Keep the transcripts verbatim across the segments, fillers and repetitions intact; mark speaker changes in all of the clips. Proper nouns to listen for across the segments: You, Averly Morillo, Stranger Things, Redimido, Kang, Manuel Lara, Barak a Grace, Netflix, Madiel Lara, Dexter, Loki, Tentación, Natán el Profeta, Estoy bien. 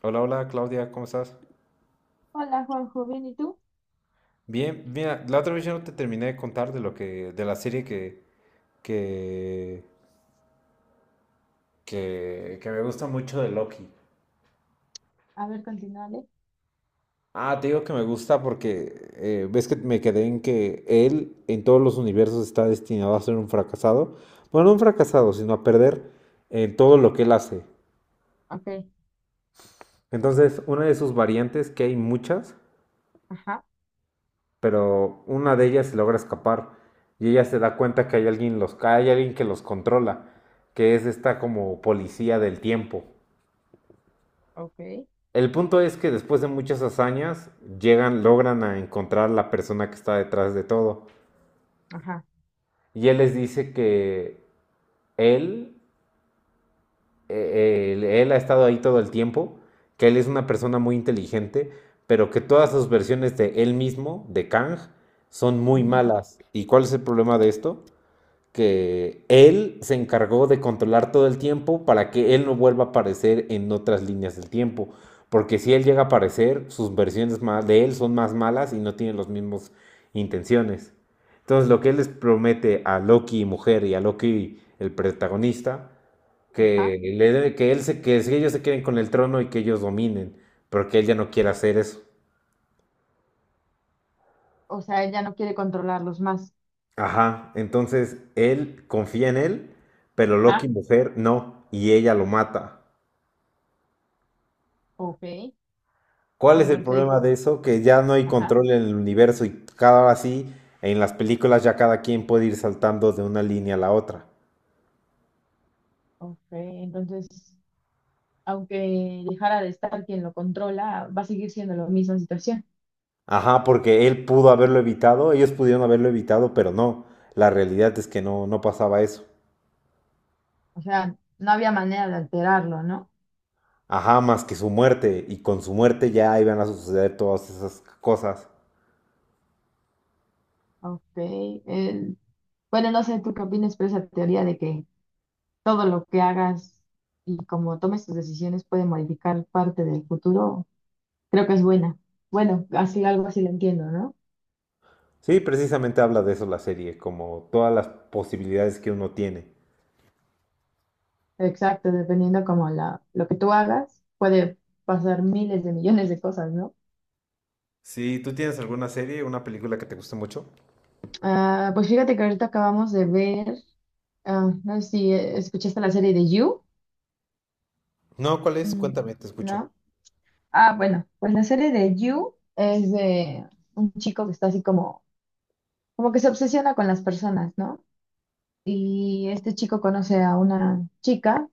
Speaker 1: Hola, hola Claudia, ¿cómo estás?
Speaker 2: Hola Juanjo, ¿bien y tú?
Speaker 1: Bien, mira, la otra vez yo no te terminé de contar de lo que, de la serie que, que, que, que me gusta mucho de Loki.
Speaker 2: A ver, continúale.
Speaker 1: Ah, te digo que me gusta porque eh, ves que me quedé en que él en todos los universos está destinado a ser un fracasado. Bueno, no un fracasado, sino a perder en todo lo que él hace.
Speaker 2: Ok,
Speaker 1: Entonces, una de sus variantes, que hay muchas,
Speaker 2: ajá,
Speaker 1: pero una de ellas logra escapar y ella se da cuenta que hay alguien, los, hay alguien que los controla, que es esta como policía del tiempo.
Speaker 2: ok,
Speaker 1: El punto es que después de muchas hazañas llegan, logran a encontrar la persona que está detrás de todo.
Speaker 2: ajá,
Speaker 1: Y él les dice que él, él, él ha estado ahí todo el tiempo, que él es una persona muy inteligente, pero que todas sus versiones de él mismo, de Kang, son muy
Speaker 2: ujú,
Speaker 1: malas. ¿Y cuál es el problema de esto? Que él se encargó de controlar todo el tiempo para que él no vuelva a aparecer en otras líneas del tiempo. Porque si él llega a aparecer, sus versiones de él son más malas y no tienen las mismas intenciones. Entonces lo que él les promete a Loki mujer y a Loki el protagonista,
Speaker 2: ajá.
Speaker 1: que, le dé- que, él se, que si ellos se queden con el trono y que ellos dominen, pero que él ya no quiere hacer eso.
Speaker 2: O sea, él ya no quiere controlarlos más.
Speaker 1: Ajá, entonces él confía en él, pero Loki
Speaker 2: Ah,
Speaker 1: mujer no, y ella lo mata.
Speaker 2: ok.
Speaker 1: ¿Cuál es el problema
Speaker 2: Entonces,
Speaker 1: de eso? Que ya no hay
Speaker 2: ajá,
Speaker 1: control en el universo y cada vez sí, en las películas ya cada quien puede ir saltando de una línea a la otra.
Speaker 2: ok. Entonces, aunque dejara de estar quien lo controla, va a seguir siendo la misma situación.
Speaker 1: Ajá, porque él pudo haberlo evitado, ellos pudieron haberlo evitado, pero no. La realidad es que no, no pasaba eso.
Speaker 2: O sea, no había manera de alterarlo, ¿no?
Speaker 1: Ajá, más que su muerte, y con su muerte ya iban a suceder todas esas cosas.
Speaker 2: Ok. el, Bueno, no sé tú qué opinas, pero esa teoría de que todo lo que hagas y como tomes tus decisiones puede modificar parte del futuro. Creo que es buena. Bueno, así algo así lo entiendo, ¿no?
Speaker 1: Sí, precisamente habla de eso la serie, como todas las posibilidades que uno tiene.
Speaker 2: Exacto, dependiendo como la, lo que tú hagas, puede pasar miles de millones de cosas, ¿no?
Speaker 1: Sí, ¿tú tienes alguna serie, una película que te guste mucho?
Speaker 2: Ah, pues fíjate que ahorita acabamos de ver, ah, no sé si eh, escuchaste la serie de You.
Speaker 1: No, ¿cuál es?
Speaker 2: Mm,
Speaker 1: Cuéntame, te escucho.
Speaker 2: ¿No? Ah, bueno, pues la serie de You es de un chico que está así como, como que se obsesiona con las personas, ¿no? Y este chico conoce a una chica,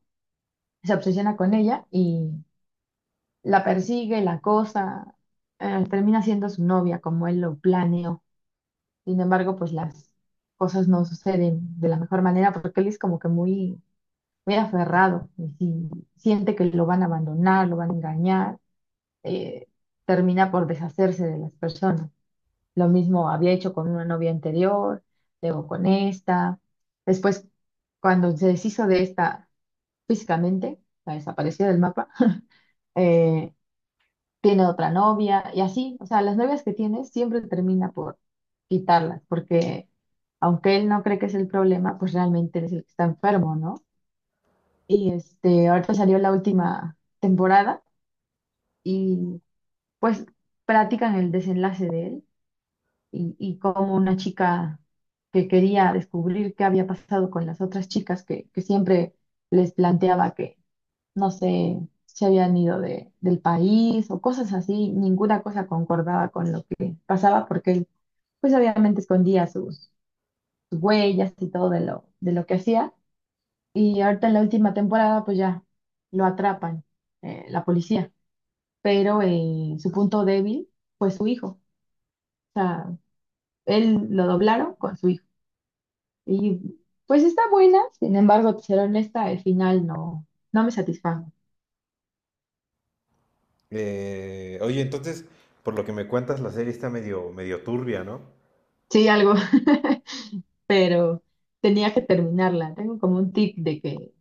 Speaker 2: se obsesiona con ella y la persigue, la acosa, eh, termina siendo su novia como él lo planeó. Sin embargo, pues las cosas no suceden de la mejor manera porque él es como que muy, muy aferrado y si siente que lo van a abandonar, lo van a engañar, eh, termina por deshacerse de las personas. Lo mismo había hecho con una novia anterior, luego con esta. Después, cuando se deshizo de esta físicamente, la desapareció del mapa, eh, tiene otra novia y así, o sea, las novias que tiene siempre termina por quitarlas, porque aunque él no cree que es el problema, pues realmente él es el que está enfermo, ¿no? Y este, ahorita salió la última temporada y pues platican el desenlace de él y, y cómo una chica que quería descubrir qué había pasado con las otras chicas que, que siempre les planteaba que no sé, se habían ido de, del país o cosas así, ninguna cosa concordaba con lo que pasaba porque él, pues obviamente escondía sus, sus, huellas y todo de lo, de lo que hacía. Y ahorita en la última temporada, pues ya lo atrapan, eh, la policía, pero eh, su punto débil fue su hijo. O sea, él lo doblaron con su hijo. Y pues está buena, sin embargo, ser honesta, el final no, no me satisfajo.
Speaker 1: Eh, oye, entonces, por lo que me cuentas, la serie está medio, medio turbia, ¿no?
Speaker 2: Sí, algo. Pero tenía que terminarla. Tengo como un tic de que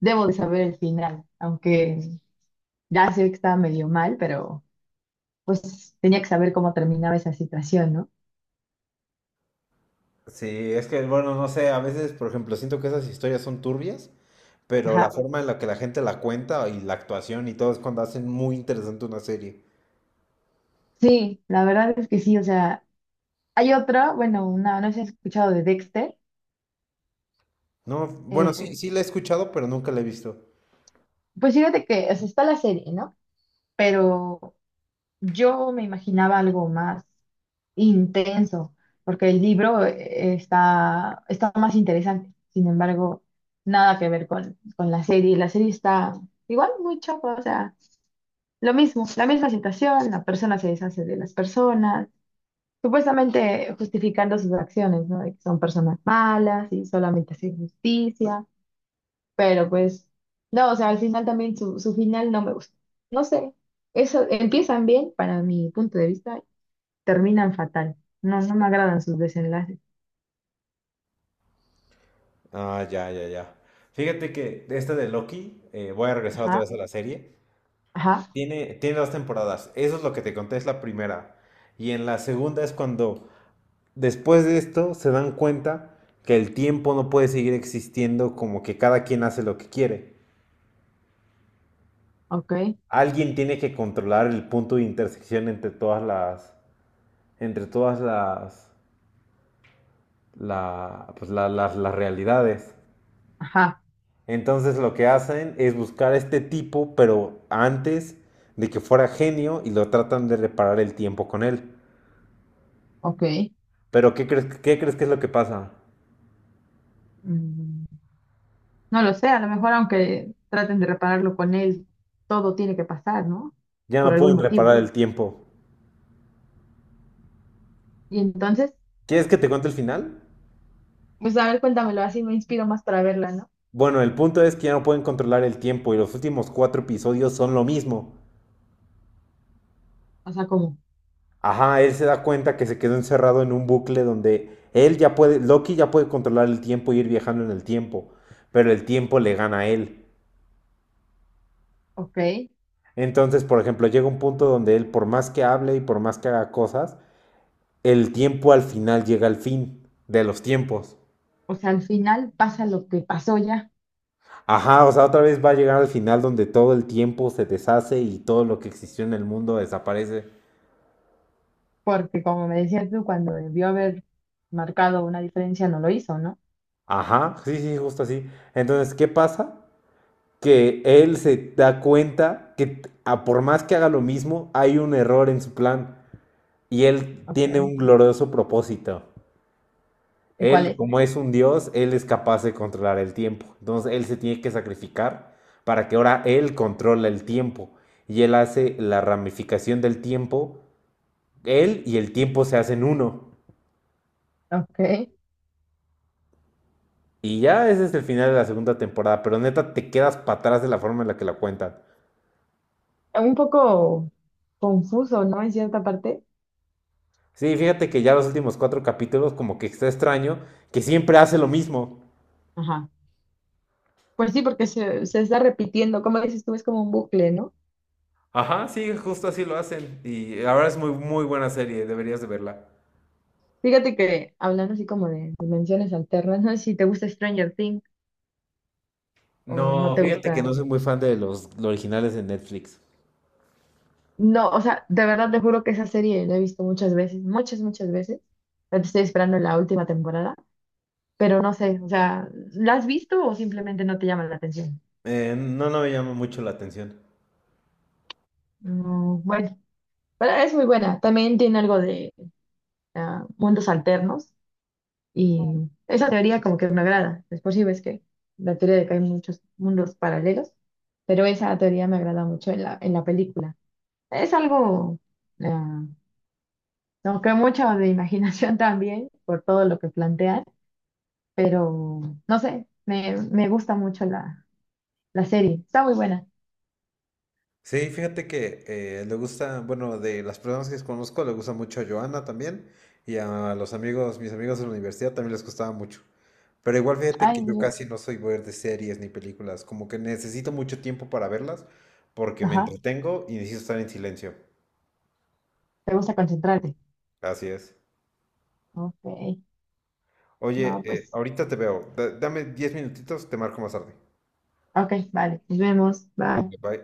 Speaker 2: debo de saber el final, aunque ya sé que estaba medio mal, pero pues tenía que saber cómo terminaba esa situación, ¿no?
Speaker 1: Sí, es que, bueno, no sé, a veces, por ejemplo, siento que esas historias son turbias, pero la
Speaker 2: Ajá.
Speaker 1: forma en la que la gente la cuenta y la actuación y todo es cuando hacen muy interesante una serie.
Speaker 2: Sí, la verdad es que sí, o sea, hay otra, bueno, una, no sé si has escuchado de Dexter.
Speaker 1: No, bueno, sí,
Speaker 2: Eh,
Speaker 1: sí la he escuchado, pero nunca la he visto.
Speaker 2: pues fíjate que, o sea, está la serie, ¿no? Pero yo me imaginaba algo más intenso, porque el libro eh, está, está más interesante. Sin embargo, nada que ver con, con la serie. La serie está igual muy chapa, o sea, lo mismo, la misma situación, la persona se deshace de las personas, supuestamente justificando sus acciones, ¿no? De que son personas malas y solamente hacen justicia, pero pues, no, o sea, al final también su, su final no me gusta. No sé, eso empiezan bien para mi punto de vista, terminan fatal. No, no me agradan sus desenlaces.
Speaker 1: Ah, ya, ya, ya. Fíjate que esta de Loki, eh, voy a regresar otra vez
Speaker 2: Ajá,
Speaker 1: a la serie,
Speaker 2: ajá,
Speaker 1: tiene, tiene dos temporadas. Eso es lo que te conté, es la primera. Y en la segunda es cuando después de esto se dan cuenta que el tiempo no puede seguir existiendo como que cada quien hace lo que quiere.
Speaker 2: ok,
Speaker 1: Alguien tiene que controlar el punto de intersección entre todas las, entre todas las, la- pues, la- las, las realidades.
Speaker 2: ajá,
Speaker 1: Entonces lo que hacen es buscar a este tipo, pero antes de que fuera genio y lo tratan de reparar el tiempo con él.
Speaker 2: ok.
Speaker 1: Pero ¿qué crees, ¿qué crees que es lo que pasa?
Speaker 2: Mm, no lo sé, a lo mejor aunque traten de repararlo con él, todo tiene que pasar, ¿no?
Speaker 1: Ya
Speaker 2: Por
Speaker 1: no
Speaker 2: algún
Speaker 1: pueden reparar
Speaker 2: motivo.
Speaker 1: el tiempo.
Speaker 2: Y entonces,
Speaker 1: ¿Quieres que te cuente el final?
Speaker 2: pues a ver, cuéntamelo, así me inspiro más para verla, ¿no?
Speaker 1: Bueno, el punto es que ya no pueden controlar el tiempo y los últimos cuatro episodios son lo mismo.
Speaker 2: O sea, como,
Speaker 1: Ajá, él se da cuenta que se quedó encerrado en un bucle donde él ya puede, Loki ya puede controlar el tiempo y ir viajando en el tiempo, pero el tiempo le gana a él.
Speaker 2: ok,
Speaker 1: Entonces, por ejemplo, llega un punto donde él, por más que hable y por más que haga cosas, el tiempo al final llega al fin de los tiempos.
Speaker 2: o sea, al final pasa lo que pasó ya,
Speaker 1: Ajá, o sea, otra vez va a llegar al final donde todo el tiempo se deshace y todo lo que existió en el mundo desaparece.
Speaker 2: porque como me decías tú, cuando debió haber marcado una diferencia, no lo hizo, ¿no?
Speaker 1: Ajá, sí, sí, justo así. Entonces, ¿qué pasa? Que él se da cuenta que t- a por más que haga lo mismo, hay un error en su plan y él
Speaker 2: Ok,
Speaker 1: tiene un glorioso propósito.
Speaker 2: ¿y cuál
Speaker 1: Él,
Speaker 2: es?
Speaker 1: como es un dios, él es capaz de controlar el tiempo. Entonces, él se tiene que sacrificar para que ahora él controle el tiempo y él hace la ramificación del tiempo. Él y el tiempo se hacen uno.
Speaker 2: Ok,
Speaker 1: Y ya ese es el final de la segunda temporada, pero neta te quedas para atrás de la forma en la que la cuentan.
Speaker 2: un poco confuso, ¿no? En cierta parte.
Speaker 1: Sí, fíjate que ya los últimos cuatro capítulos como que está extraño, que siempre hace lo mismo.
Speaker 2: Ajá. Pues sí, porque se, se está repitiendo, como dices tú, es como un bucle, ¿no?
Speaker 1: Ajá, sí, justo así lo hacen. Y la verdad es muy, muy buena serie, deberías de verla.
Speaker 2: Fíjate que hablando así como de dimensiones alternas, no sé si te gusta Stranger Things o no
Speaker 1: No,
Speaker 2: te
Speaker 1: fíjate que no
Speaker 2: gusta.
Speaker 1: soy muy fan de los, los originales de Netflix.
Speaker 2: No, o sea, de verdad te juro que esa serie la he visto muchas veces, muchas, muchas veces. Ahorita Estoy esperando la última temporada, pero no sé, o sea, ¿la has visto o simplemente no te llama la atención?
Speaker 1: Eh, no, no me llama mucho la atención.
Speaker 2: Mm, bueno, pero es muy buena. También tiene algo de ah, mundos alternos. Y esa teoría como que me agrada. Después sí ves que la teoría de que hay muchos mundos paralelos, pero esa teoría me agrada mucho en la, en la, película. Es algo, eh, como que mucho de imaginación también por todo lo que plantean, pero no sé, me, me, gusta mucho la, la serie. Está muy buena.
Speaker 1: Sí, fíjate que eh, le gusta, bueno, de las personas que conozco, le gusta mucho a Joana también y a los amigos, mis amigos de la universidad también les gustaba mucho. Pero igual fíjate
Speaker 2: Ah,
Speaker 1: que
Speaker 2: ¿en
Speaker 1: yo
Speaker 2: serio?
Speaker 1: casi no soy ver de series ni películas, como que necesito mucho tiempo para verlas porque me
Speaker 2: Ajá,
Speaker 1: entretengo y necesito estar en silencio.
Speaker 2: te gusta concentrarte.
Speaker 1: Así es.
Speaker 2: Ok,
Speaker 1: Oye,
Speaker 2: no,
Speaker 1: eh,
Speaker 2: pues,
Speaker 1: ahorita te veo. Da- dame diez minutitos, te marco más tarde.
Speaker 2: ok, vale, nos vemos, bye.
Speaker 1: Bye.